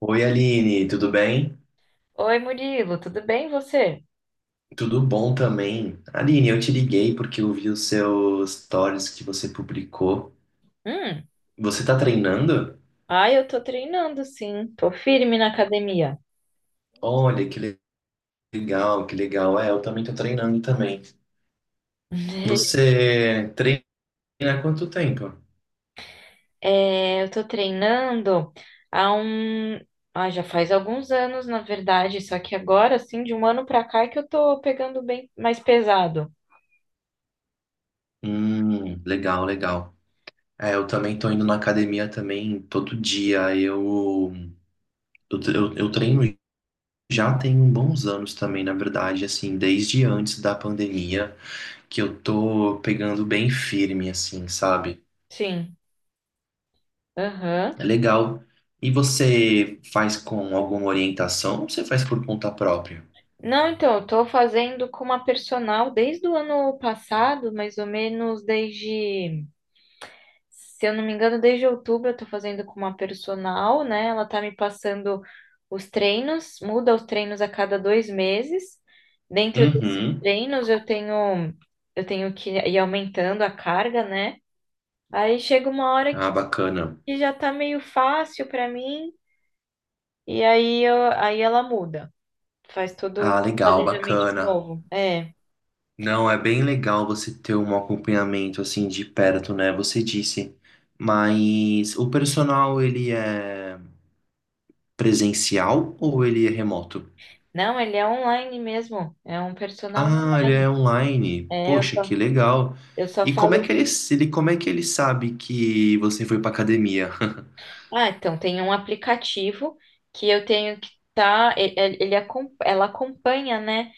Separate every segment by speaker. Speaker 1: Oi, Aline, tudo bem?
Speaker 2: Oi, Murilo, tudo bem você?
Speaker 1: Tudo bom também. Aline, eu te liguei porque eu vi os seus stories que você publicou.
Speaker 2: Hum,
Speaker 1: Você tá treinando?
Speaker 2: ai, eu tô treinando sim, tô firme na academia.
Speaker 1: Olha, legal, que legal. É, eu também tô treinando também. Você treina há quanto tempo?
Speaker 2: Eu tô treinando há um, já faz alguns anos, na verdade, só que agora, assim, de um ano pra cá é que eu tô pegando bem mais pesado.
Speaker 1: Legal, legal. É, eu também tô indo na academia também todo dia. Eu treino já tem uns bons anos também, na verdade, assim, desde antes da pandemia. Que eu tô pegando bem firme, assim, sabe?
Speaker 2: Sim,
Speaker 1: É
Speaker 2: aham.
Speaker 1: legal. E você faz com alguma orientação ou você faz por conta própria?
Speaker 2: Não, então, eu tô fazendo com uma personal desde o ano passado, mais ou menos desde se eu não me engano, desde outubro eu tô fazendo com uma personal, né? Ela tá me passando os treinos, muda os treinos a cada dois meses. Dentro desses
Speaker 1: Uhum.
Speaker 2: treinos eu tenho que ir aumentando a carga, né? Aí chega uma hora
Speaker 1: Ah, bacana.
Speaker 2: que já tá meio fácil pra mim e aí ela muda, faz todo
Speaker 1: Ah,
Speaker 2: o
Speaker 1: legal,
Speaker 2: planejamento de
Speaker 1: bacana.
Speaker 2: novo.
Speaker 1: Não, é bem legal você ter um acompanhamento assim de perto, né? Você disse. Mas o personal, ele é presencial ou ele é remoto?
Speaker 2: Não, ele é online mesmo, é um personal
Speaker 1: Ah, ele é
Speaker 2: online.
Speaker 1: online.
Speaker 2: É,
Speaker 1: Poxa, que legal.
Speaker 2: eu só
Speaker 1: E como é
Speaker 2: falo
Speaker 1: que ele, como é que ele sabe que você foi pra academia?
Speaker 2: Ah, então tem um aplicativo que eu tenho que tá, ela acompanha, né?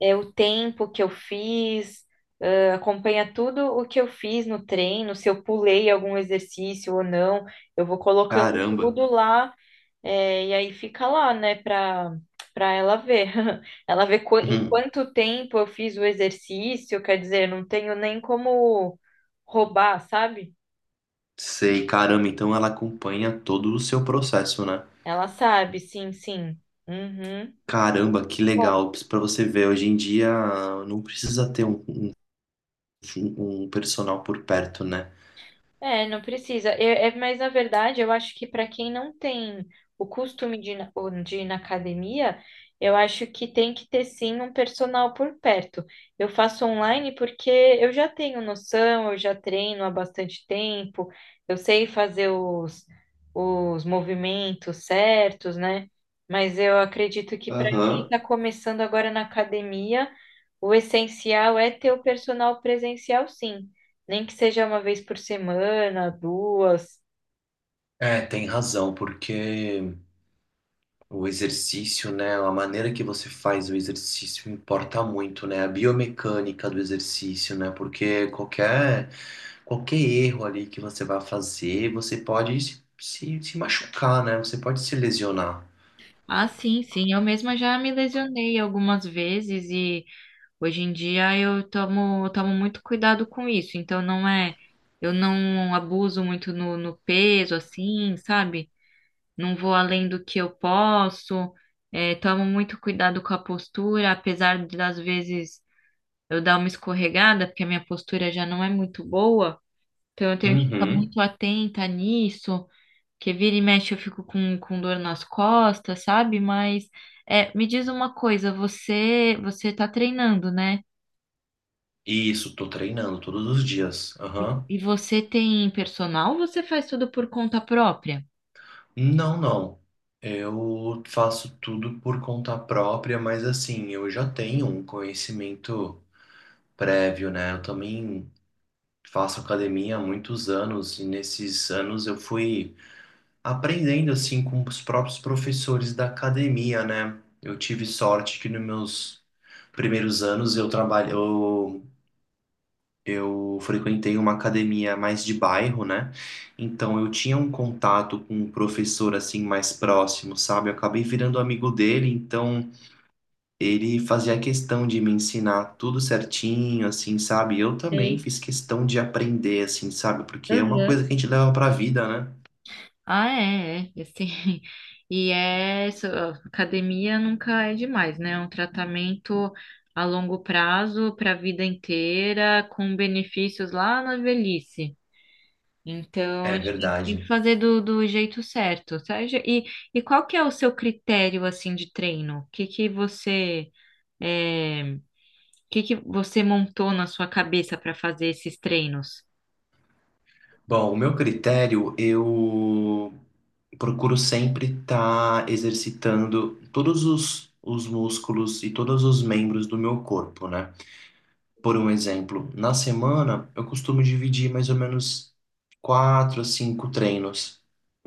Speaker 2: É o tempo que eu fiz, ah, acompanha tudo o que eu fiz no treino, se eu pulei algum exercício ou não. Eu vou colocando
Speaker 1: Caramba.
Speaker 2: tudo lá, é, e aí fica lá, né, para ela ver. Em
Speaker 1: Hum,
Speaker 2: quanto tempo eu fiz o exercício, quer dizer, não tenho nem como roubar, sabe?
Speaker 1: Sei, caramba, então ela acompanha todo o seu processo, né?
Speaker 2: Ela sabe, sim, sim. Uhum.
Speaker 1: Caramba, que
Speaker 2: Bom.
Speaker 1: legal. Pra você ver, hoje em dia não precisa ter um personal por perto, né?
Speaker 2: É, não precisa. É, mas na verdade, eu acho que para quem não tem o costume ou de ir na academia, eu acho que tem que ter sim um personal por perto. Eu faço online porque eu já tenho noção, eu já treino há bastante tempo, eu sei fazer os movimentos certos, né? Mas eu acredito que para quem
Speaker 1: Aham.
Speaker 2: está começando agora na academia, o essencial é ter o personal presencial, sim. Nem que seja uma vez por semana, duas.
Speaker 1: É, tem razão, porque o exercício, né? A maneira que você faz o exercício importa muito, né? A biomecânica do exercício, né? Porque qualquer erro ali que você vá fazer, você pode se machucar, né? Você pode se lesionar.
Speaker 2: Ah, sim, sim. Eu mesma já me lesionei algumas vezes e hoje em dia eu tomo muito cuidado com isso. Então não é, eu não abuso muito no peso, assim, sabe? Não vou além do que eu posso. É, tomo muito cuidado com a postura, apesar de, das vezes eu dar uma escorregada, porque a minha postura já não é muito boa. Então eu tenho que ficar
Speaker 1: Uhum.
Speaker 2: muito atenta nisso. Que vira e mexe eu fico com dor nas costas, sabe? Mas é, me diz uma coisa, você tá treinando, né?
Speaker 1: Isso, tô treinando todos os dias. Aham.
Speaker 2: E você tem personal ou você faz tudo por conta própria?
Speaker 1: Não, não. Eu faço tudo por conta própria, mas assim, eu já tenho um conhecimento prévio, né? Eu também faço academia há muitos anos e nesses anos eu fui aprendendo assim com os próprios professores da academia, né? Eu tive sorte que nos meus primeiros anos eu trabalho, eu frequentei uma academia mais de bairro, né? Então eu tinha um contato com um professor assim mais próximo, sabe? Eu acabei virando amigo dele, então ele fazia questão de me ensinar tudo certinho, assim, sabe? Eu também
Speaker 2: Sei.
Speaker 1: fiz questão de aprender, assim, sabe? Porque é uma coisa
Speaker 2: Aham.
Speaker 1: que a gente leva pra vida, né?
Speaker 2: Ah, é, é, assim, e é, so- academia nunca é demais, né? É um tratamento a longo prazo, para a vida inteira, com benefícios lá na velhice. Então, a
Speaker 1: É
Speaker 2: gente tem que sempre
Speaker 1: verdade.
Speaker 2: fazer do jeito certo, sabe? E qual que é o seu critério, assim, de treino? O que que você montou na sua cabeça para fazer esses treinos?
Speaker 1: Bom, o meu critério, eu procuro sempre estar exercitando todos os músculos e todos os membros do meu corpo, né? Por um exemplo, na semana eu costumo dividir mais ou menos quatro a cinco treinos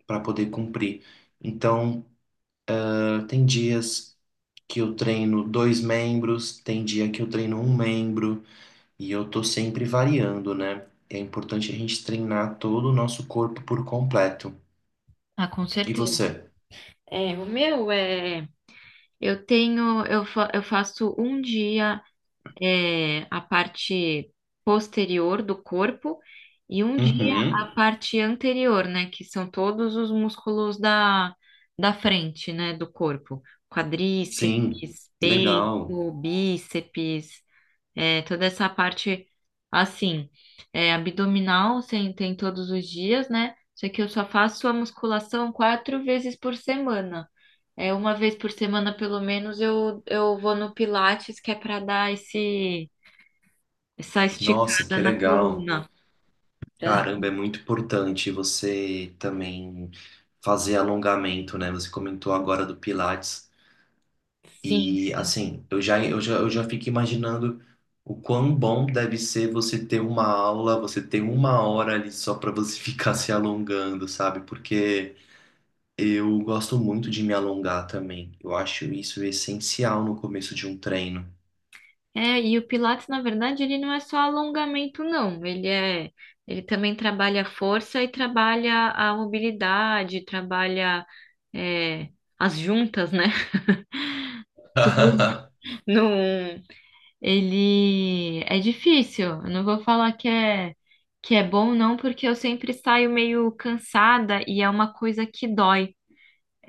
Speaker 1: para poder cumprir. Então, tem dias que eu treino dois membros, tem dia que eu treino um membro, e eu tô sempre variando, né? É importante a gente treinar todo o nosso corpo por completo.
Speaker 2: Ah, com
Speaker 1: E
Speaker 2: certeza.
Speaker 1: você?
Speaker 2: É, o meu é, eu tenho, eu, fa- Eu faço um dia a parte posterior do corpo e um dia a
Speaker 1: Uhum.
Speaker 2: parte anterior, né? Que são todos os músculos da frente, né? Do corpo.
Speaker 1: Sim,
Speaker 2: Quadríceps,
Speaker 1: legal.
Speaker 2: peito, bíceps, é, toda essa parte assim. É, abdominal sem, tem todos os dias, né? Só que eu só faço a musculação quatro vezes por semana. É, uma vez por semana, pelo menos, eu vou no Pilates, que é para dar essa
Speaker 1: Nossa,
Speaker 2: esticada
Speaker 1: que
Speaker 2: na
Speaker 1: legal.
Speaker 2: coluna. Pra-
Speaker 1: Caramba, é muito importante você também fazer alongamento, né? Você comentou agora do Pilates.
Speaker 2: Sim,
Speaker 1: E
Speaker 2: sim.
Speaker 1: assim, eu já fico imaginando o quão bom deve ser você ter uma aula, você ter uma hora ali só para você ficar se alongando, sabe? Porque eu gosto muito de me alongar também. Eu acho isso essencial no começo de um treino.
Speaker 2: É, e o Pilates, na verdade, ele não é só alongamento, não. Ele também trabalha a força e trabalha a mobilidade, trabalha, é, as juntas, né? Tudo. Não, ele é difícil. Eu não vou falar que é bom, não, porque eu sempre saio meio cansada e é uma coisa que dói.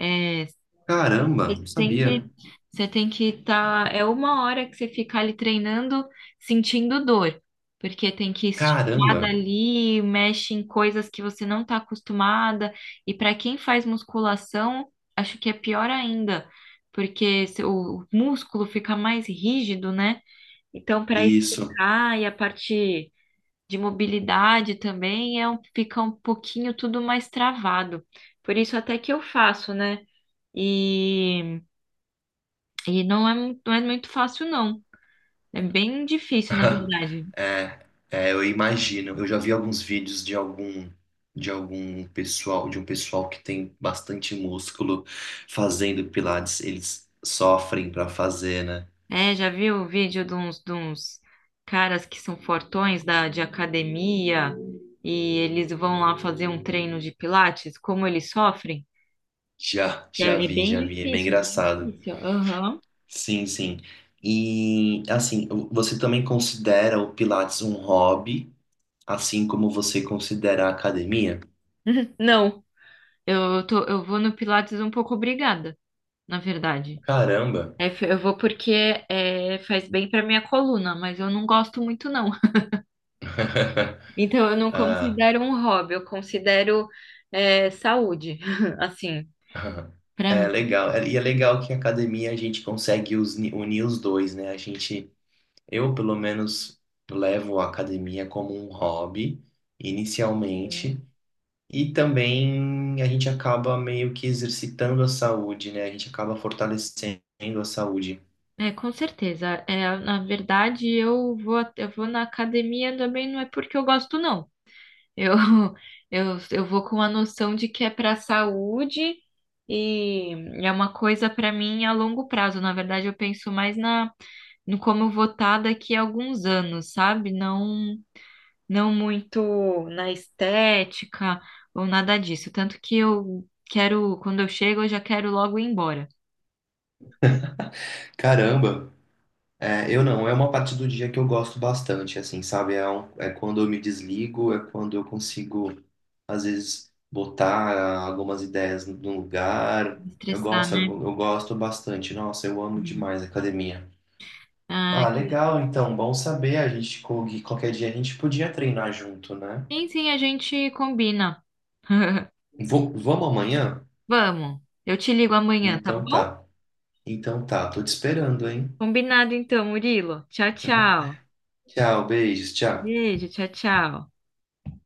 Speaker 2: É,
Speaker 1: Caramba, não
Speaker 2: sempre
Speaker 1: sabia.
Speaker 2: você tem que estar. É uma hora que você fica ali treinando, sentindo dor, porque tem que esticar
Speaker 1: Caramba,
Speaker 2: dali, mexe em coisas que você não está acostumada. E para quem faz musculação, acho que é pior ainda, porque se- o músculo fica mais rígido, né? Então, para
Speaker 1: isso.
Speaker 2: esticar e a parte de mobilidade também fica um pouquinho tudo mais travado. Por isso até que eu faço, né? E não é muito fácil, não. É bem difícil, na verdade.
Speaker 1: Eu imagino. Eu já vi alguns vídeos de algum de um pessoal que tem bastante músculo fazendo pilates, eles sofrem para fazer, né?
Speaker 2: É, já viu o vídeo de uns caras que são fortões de academia e eles vão lá fazer um treino de pilates, como eles sofrem?
Speaker 1: Já
Speaker 2: É, é
Speaker 1: vi,
Speaker 2: bem
Speaker 1: já vi. É bem
Speaker 2: difícil, é bem
Speaker 1: engraçado.
Speaker 2: difícil. Aham.
Speaker 1: Sim, sim. E assim, você também considera o pilates um hobby, assim como você considera a academia?
Speaker 2: Não, eu tô, eu vou no pilates um pouco obrigada, na verdade.
Speaker 1: Caramba.
Speaker 2: É, eu vou porque é, faz bem para minha coluna, mas eu não gosto muito, não. Então, eu não
Speaker 1: Ah,
Speaker 2: considero um hobby, eu considero é, saúde, assim,
Speaker 1: aham.
Speaker 2: pra
Speaker 1: É
Speaker 2: mim.
Speaker 1: legal. E é legal que a academia a gente consegue unir os dois, né? A gente, eu pelo menos levo a academia como um hobby
Speaker 2: Né?
Speaker 1: inicialmente e também a gente acaba meio que exercitando a saúde, né? A gente acaba fortalecendo a saúde.
Speaker 2: É, com certeza. É, na verdade, eu vou na academia também, não é porque eu gosto, não. Eu, eu vou com a noção de que é para saúde e é uma coisa para mim a longo prazo. Na verdade, eu penso mais no como eu vou estar daqui a alguns anos, sabe? Não. Não muito na estética ou nada disso. Tanto que eu quero, quando eu chego, eu já quero logo ir embora.
Speaker 1: Caramba! É, eu não, é uma parte do dia que eu gosto bastante, assim, sabe? É, é quando eu me desligo, é quando eu consigo, às vezes, botar algumas ideias no lugar.
Speaker 2: Me estressar, né?
Speaker 1: Eu gosto bastante. Nossa, eu amo
Speaker 2: Uhum.
Speaker 1: demais a academia.
Speaker 2: Ah,
Speaker 1: Ah,
Speaker 2: que...
Speaker 1: legal, então, bom saber. A gente, qualquer dia a gente podia treinar junto, né?
Speaker 2: Sim, sim, a gente combina.
Speaker 1: Vamos amanhã?
Speaker 2: Vamos, eu te ligo amanhã, tá
Speaker 1: Então
Speaker 2: bom?
Speaker 1: tá. Então tá, tô te esperando, hein?
Speaker 2: Combinado então, Murilo. Tchau, tchau.
Speaker 1: Tchau, beijos, tchau.
Speaker 2: Beijo, tchau, tchau.